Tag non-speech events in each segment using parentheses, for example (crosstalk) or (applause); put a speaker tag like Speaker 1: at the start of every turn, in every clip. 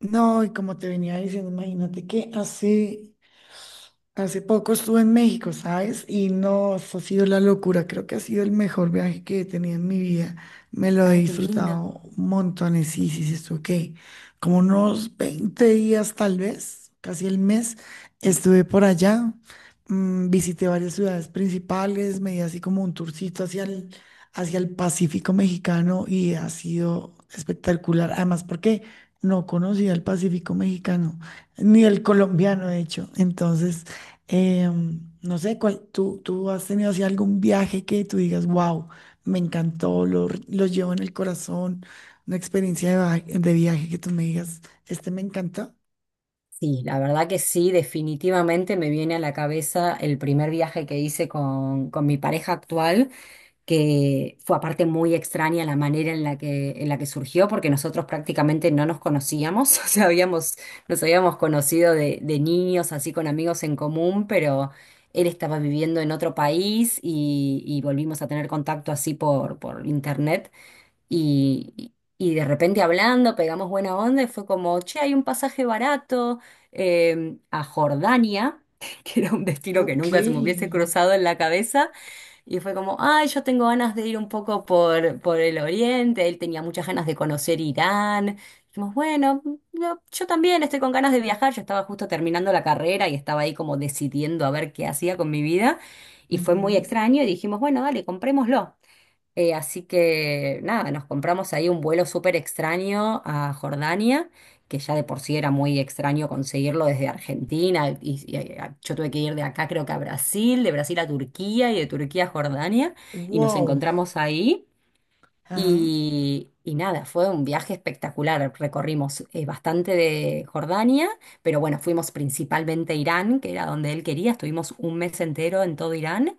Speaker 1: No, y como te venía diciendo, imagínate que hace poco estuve en México, ¿sabes? Y no, eso ha sido la locura. Creo que ha sido el mejor viaje que he tenido en mi vida. Me lo he
Speaker 2: Ay, qué lindo.
Speaker 1: disfrutado montones. Sí, sí, sí, estuve, ¿qué? Como unos 20 días, tal vez, casi el mes, estuve por allá. Visité varias ciudades principales, me di así como un tourcito hacia el Pacífico mexicano y ha sido espectacular. Además, porque no conocía el Pacífico mexicano, ni el colombiano, de hecho. Entonces, eh, no sé, cuál, tú has tenido así algún viaje que tú digas, wow, me encantó, lo llevo en el corazón, una experiencia de viaje que tú me digas, este me encanta.
Speaker 2: Sí, la verdad que sí, definitivamente me viene a la cabeza el primer viaje que hice con mi pareja actual, que fue aparte muy extraña la manera en la que surgió, porque nosotros prácticamente no nos conocíamos, (laughs) o sea, nos habíamos conocido de niños, así con amigos en común, pero él estaba viviendo en otro país y volvimos a tener contacto así por internet. Y de repente hablando, pegamos buena onda y fue como, che, hay un pasaje barato a Jordania, (laughs) que era un destino que
Speaker 1: Ok.
Speaker 2: nunca se me hubiese cruzado en la cabeza. Y fue como, ay, yo tengo ganas de ir un poco por el oriente. Él tenía muchas ganas de conocer Irán. Dijimos, bueno, no, yo también estoy con ganas de viajar. Yo estaba justo terminando la carrera y estaba ahí como decidiendo a ver qué hacía con mi vida. Y fue muy
Speaker 1: Ujú.
Speaker 2: extraño y dijimos, bueno, dale, comprémoslo. Así que nada, nos compramos ahí un vuelo súper extraño a Jordania, que ya de por sí era muy extraño conseguirlo desde Argentina. Yo tuve que ir de acá, creo que a Brasil, de Brasil a Turquía y de Turquía a Jordania. Y nos
Speaker 1: Wow.
Speaker 2: encontramos ahí.
Speaker 1: Ajá.
Speaker 2: Y nada, fue un viaje espectacular. Recorrimos bastante de Jordania, pero bueno, fuimos principalmente a Irán, que era donde él quería. Estuvimos un mes entero en todo Irán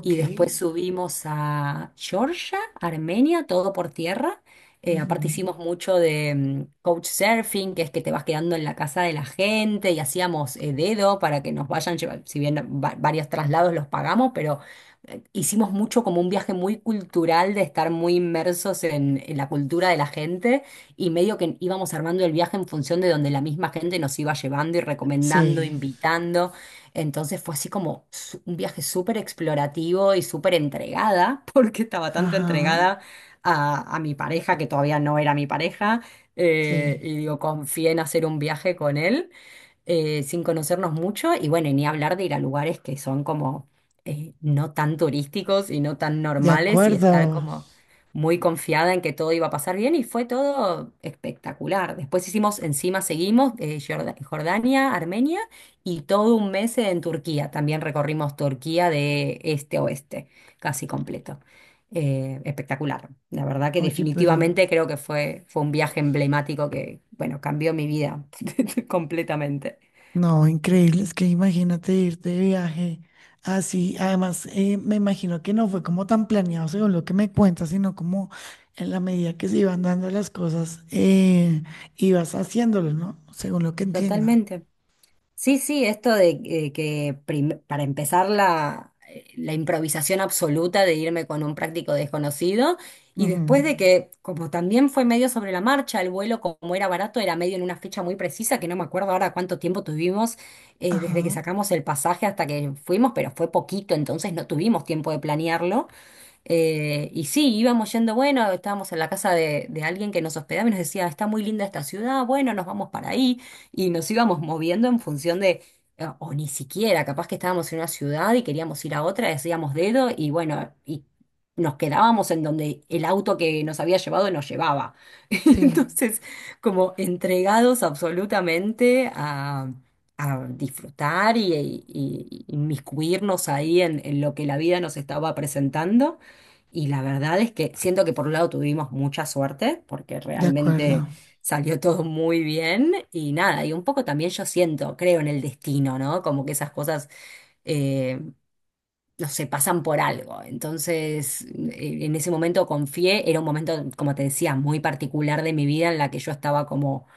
Speaker 2: y después subimos a Georgia, Armenia, todo por tierra. Aparte
Speaker 1: Ujú.
Speaker 2: hicimos mucho de couchsurfing, que es que te vas quedando en la casa de la gente y hacíamos dedo para que nos vayan si bien varios traslados los pagamos, pero hicimos mucho como un viaje muy cultural de estar muy inmersos en la cultura de la gente y medio que íbamos armando el viaje en función de donde la misma gente nos iba llevando y recomendando,
Speaker 1: Sí,
Speaker 2: invitando. Entonces fue así como un viaje súper explorativo y súper entregada, (laughs) porque estaba tanto
Speaker 1: ajá,
Speaker 2: entregada a mi pareja, que todavía no era mi pareja,
Speaker 1: sí,
Speaker 2: y digo, confié en hacer un viaje con él sin conocernos mucho y bueno, y ni hablar de ir a lugares que son como no tan turísticos y no tan
Speaker 1: de
Speaker 2: normales y estar
Speaker 1: acuerdo.
Speaker 2: como muy confiada en que todo iba a pasar bien y fue todo espectacular. Después hicimos, encima seguimos, Jordania, Armenia y todo un mes en Turquía. También recorrimos Turquía de este a oeste, casi completo. Espectacular. La verdad que
Speaker 1: Oye, pero
Speaker 2: definitivamente creo que fue un viaje emblemático que, bueno, cambió mi vida (laughs) completamente.
Speaker 1: no, increíble, es que imagínate irte de viaje así. Además, me imagino que no fue como tan planeado según lo que me cuentas, sino como en la medida que se iban dando las cosas, ibas haciéndolo, ¿no? Según lo que entiendo.
Speaker 2: Totalmente. Sí, sí, esto de para empezar la improvisación absoluta de irme con un práctico desconocido y
Speaker 1: Ujú.
Speaker 2: después de que, como también fue medio sobre la marcha, el vuelo como era barato, era medio en una fecha muy precisa, que no me acuerdo ahora cuánto tiempo tuvimos desde que
Speaker 1: Ajá,
Speaker 2: sacamos el pasaje hasta que fuimos, pero fue poquito, entonces no tuvimos tiempo de planearlo. Y sí, íbamos yendo, bueno, estábamos en la casa de alguien que nos hospedaba y nos decía, está muy linda esta ciudad, bueno, nos vamos para ahí. Y nos íbamos moviendo en función de, o ni siquiera, capaz que estábamos en una ciudad y queríamos ir a otra, decíamos dedo y bueno, y nos quedábamos en donde el auto que nos había llevado nos llevaba. (laughs)
Speaker 1: sí,
Speaker 2: Entonces, como entregados absolutamente a disfrutar y inmiscuirnos ahí en lo que la vida nos estaba presentando. Y la verdad es que siento que por un lado tuvimos mucha suerte, porque
Speaker 1: de acuerdo.
Speaker 2: realmente salió (laughs) todo muy bien y nada, y un poco también yo siento, creo en el destino, ¿no? Como que esas cosas, eh, no sé, pasan por algo. Entonces, en ese momento confié, era un momento, como te decía, muy particular de mi vida en la que yo estaba como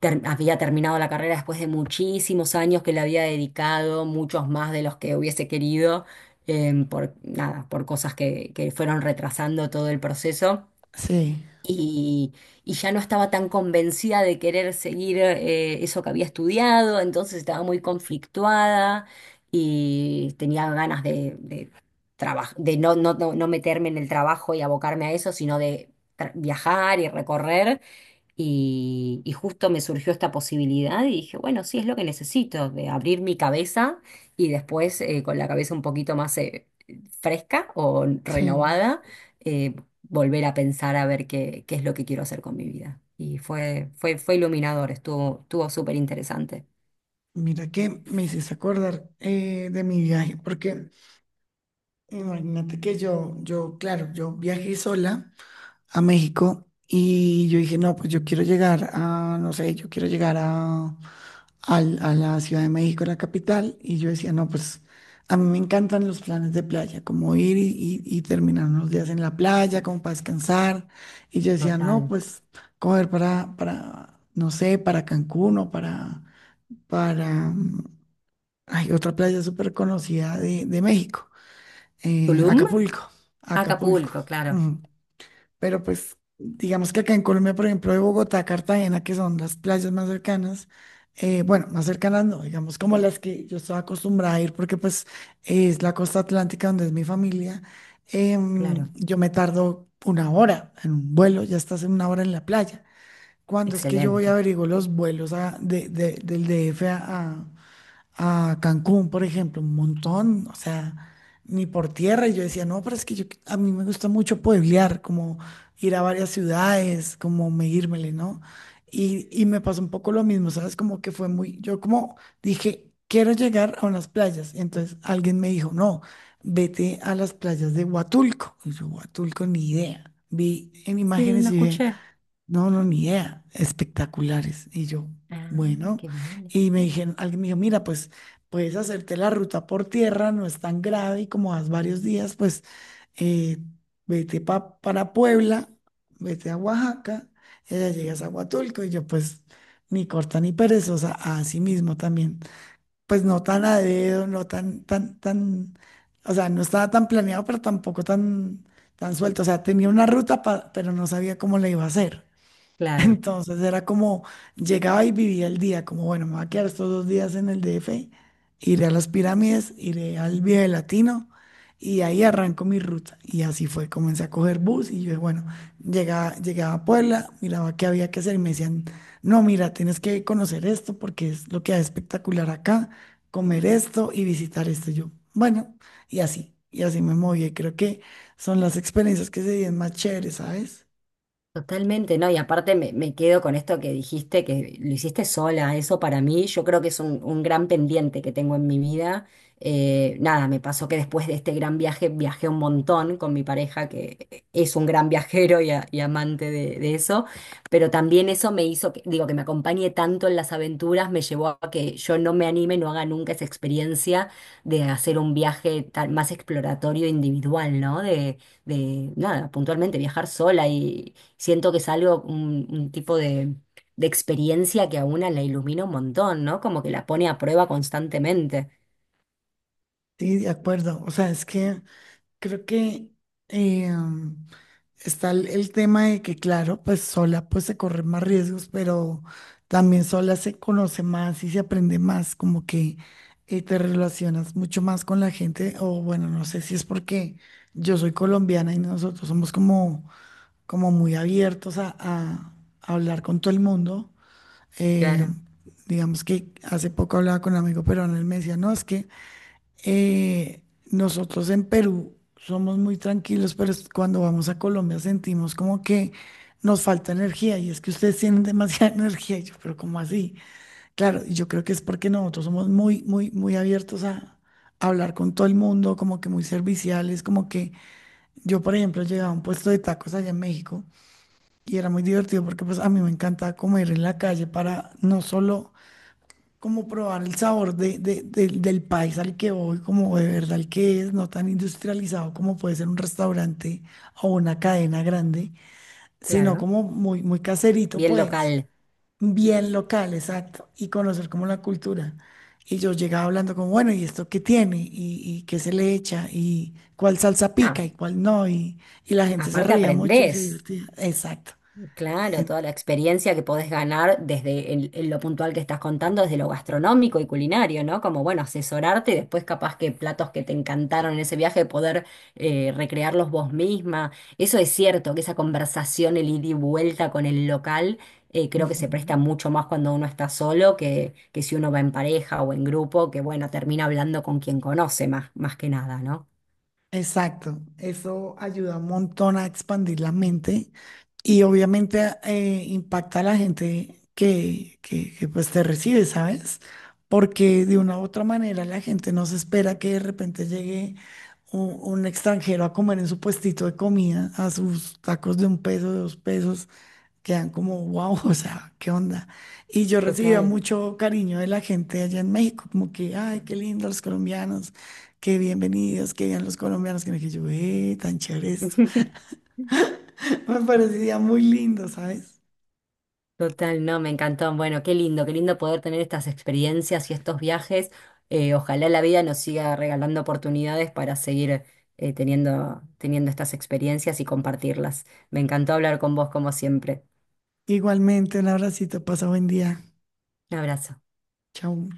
Speaker 2: había terminado la carrera después de muchísimos años que le había dedicado, muchos más de los que hubiese querido, por nada, por cosas que fueron retrasando todo el proceso.
Speaker 1: Sí,
Speaker 2: Y, y ya no estaba tan convencida de querer seguir eso que había estudiado, entonces estaba muy conflictuada y tenía ganas de no, no meterme en el trabajo y abocarme a eso, sino de viajar y recorrer. Y justo me surgió esta posibilidad y dije, bueno, sí es lo que necesito, de abrir mi cabeza y después con la cabeza un poquito más fresca o
Speaker 1: sí.
Speaker 2: renovada, eh, volver a pensar a ver qué es lo que quiero hacer con mi vida. Y fue iluminador, estuvo súper interesante.
Speaker 1: Mira que me hiciste acordar de mi viaje, porque imagínate que claro, yo viajé sola a México. Y yo dije, no, pues yo quiero llegar a, no sé, yo quiero llegar a, a la Ciudad de México, la capital. Y yo decía, no, pues a mí me encantan los planes de playa, como ir y terminar unos días en la playa, como para descansar. Y yo decía, no,
Speaker 2: Total.
Speaker 1: pues coger no sé, para Cancún o para, hay otra playa súper conocida de México,
Speaker 2: Tulum,
Speaker 1: Acapulco, Acapulco.
Speaker 2: Acapulco, claro,
Speaker 1: Pero pues digamos que acá en Colombia, por ejemplo, de Bogotá a Cartagena, que son las playas más cercanas, bueno, más cercanas no, digamos como las que yo estaba acostumbrada a ir, porque pues es la costa atlántica donde es mi familia.
Speaker 2: claro.
Speaker 1: Yo me tardo 1 hora en un vuelo, ya estás en 1 hora en la playa. Cuando es que yo voy a
Speaker 2: Excelente.
Speaker 1: averiguo los vuelos del DF a Cancún, por ejemplo, un montón, o sea, ni por tierra. Y yo decía, no, pero es que yo, a mí me gusta mucho pueblear, como ir a varias ciudades, como medírmele, ¿no? Y me pasó un poco lo mismo, ¿sabes? Como que fue muy, yo como dije, quiero llegar a unas playas. Y entonces alguien me dijo, no, vete a las playas de Huatulco. Y yo, Huatulco, ni idea. Vi en
Speaker 2: Sí,
Speaker 1: imágenes
Speaker 2: no
Speaker 1: y dije,
Speaker 2: escuché.
Speaker 1: no, no, ni idea. Espectaculares. Y yo,
Speaker 2: Ah,
Speaker 1: bueno.
Speaker 2: qué bien.
Speaker 1: Y me dijeron, alguien me dijo, mira, pues puedes hacerte la ruta por tierra, no es tan grave y como vas varios días, pues eh, para Puebla, vete a Oaxaca, y allá llegas a Huatulco. Y yo, pues, ni corta ni perezosa, así mismo también. Pues no tan a dedo, no o sea, no estaba tan planeado, pero tampoco tan suelto. O sea, tenía una ruta, pero no sabía cómo la iba a hacer. (laughs)
Speaker 2: Claro.
Speaker 1: Entonces era como, llegaba y vivía el día, como, bueno, me voy a quedar estos 2 días en el DF, iré a las pirámides, iré al Viaje Latino y ahí arranco mi ruta. Y así fue, comencé a coger bus y yo, bueno, llegaba a Puebla, miraba qué había que hacer y me decían, no, mira, tienes que conocer esto porque es lo que hay espectacular acá, comer esto y visitar esto. Y yo, bueno, y así me moví. Y creo que son las experiencias que se viven más chéveres, ¿sabes?
Speaker 2: Totalmente, no, y aparte me quedo con esto que dijiste, que lo hiciste sola, eso para mí yo creo que es un gran pendiente que tengo en mi vida. Nada, me pasó que después de este gran viaje viajé un montón con mi pareja, que es un gran viajero y amante de eso, pero también eso me hizo, que, digo, que me acompañe tanto en las aventuras, me llevó a que yo no me anime, no haga nunca esa experiencia de hacer un viaje más exploratorio individual, ¿no? De nada, puntualmente viajar sola Siento que es algo, un tipo de experiencia que a una la ilumina un montón, ¿no? Como que la pone a prueba constantemente.
Speaker 1: Sí, de acuerdo. O sea, es que... Creo que eh, mm, está el tema de que, claro, pues sola pues se corren más riesgos, pero también sola se conoce más y se aprende más, como que te relacionas mucho más con la gente, o bueno, no sé si es porque yo soy colombiana y nosotros somos como, como muy abiertos a hablar con todo el mundo. Eh,
Speaker 2: Claro,
Speaker 1: digamos que hace poco hablaba con un amigo peruano, él me decía, no, es que... Eh, Nosotros en Perú somos muy tranquilos, pero cuando vamos a Colombia sentimos como que nos falta energía y es que ustedes tienen demasiada (laughs) energía. Y yo, pero ¿cómo así? Claro, y yo creo que es porque nosotros somos muy, muy, muy abiertos a hablar con todo el mundo, como que muy serviciales, como que yo, por ejemplo, llegaba a un puesto de tacos allá en México y era muy divertido porque pues a mí me encanta comer en la calle para no solo como probar el sabor del del país al que voy, como de verdad el que es, no tan industrializado como puede ser un restaurante o una cadena grande, sino
Speaker 2: claro.
Speaker 1: como muy, muy caserito,
Speaker 2: Bien
Speaker 1: pues,
Speaker 2: local.
Speaker 1: bien local, exacto, y conocer como la cultura. Y yo llegaba hablando como, bueno, ¿y esto qué tiene? Y qué se le echa? ¿Y cuál salsa pica
Speaker 2: Ah,
Speaker 1: y cuál no? Y la gente se
Speaker 2: aparte
Speaker 1: reía mucho y se
Speaker 2: aprendés.
Speaker 1: divertía. Exacto.
Speaker 2: Claro,
Speaker 1: En-
Speaker 2: toda la experiencia que podés ganar desde lo puntual que estás contando, desde lo gastronómico y culinario, ¿no? Como, bueno, asesorarte y después capaz que platos que te encantaron en ese viaje, poder recrearlos vos misma. Eso es cierto, que esa conversación, el ida y vuelta con el local, creo que se presta
Speaker 1: Ujú.
Speaker 2: mucho más cuando uno está solo que si uno va en pareja o en grupo, que bueno, termina hablando con quien conoce más, más que nada, ¿no?
Speaker 1: Exacto, eso ayuda un montón a expandir la mente y obviamente impacta a la gente que, pues te recibe, ¿sabes? Porque de una u otra manera la gente no se espera que de repente llegue un extranjero a comer en su puestito de comida, a sus tacos de un peso, de dos pesos, quedan como, wow, (laughs) o sea, ¿qué onda? Y yo recibía
Speaker 2: Total.
Speaker 1: mucho cariño de la gente allá en México, como que, ay, qué lindo los colombianos, qué bienvenidos, qué bien los colombianos, que me dije yo, tan chévere esto.
Speaker 2: (laughs)
Speaker 1: (laughs) Me parecía muy lindo, ¿sabes?
Speaker 2: Total, no, me encantó. Bueno, qué lindo poder tener estas experiencias y estos viajes. Ojalá la vida nos siga regalando oportunidades para seguir teniendo estas experiencias y compartirlas. Me encantó hablar con vos como siempre.
Speaker 1: Igualmente, un abracito, pasa buen día.
Speaker 2: Un abrazo.
Speaker 1: Chao.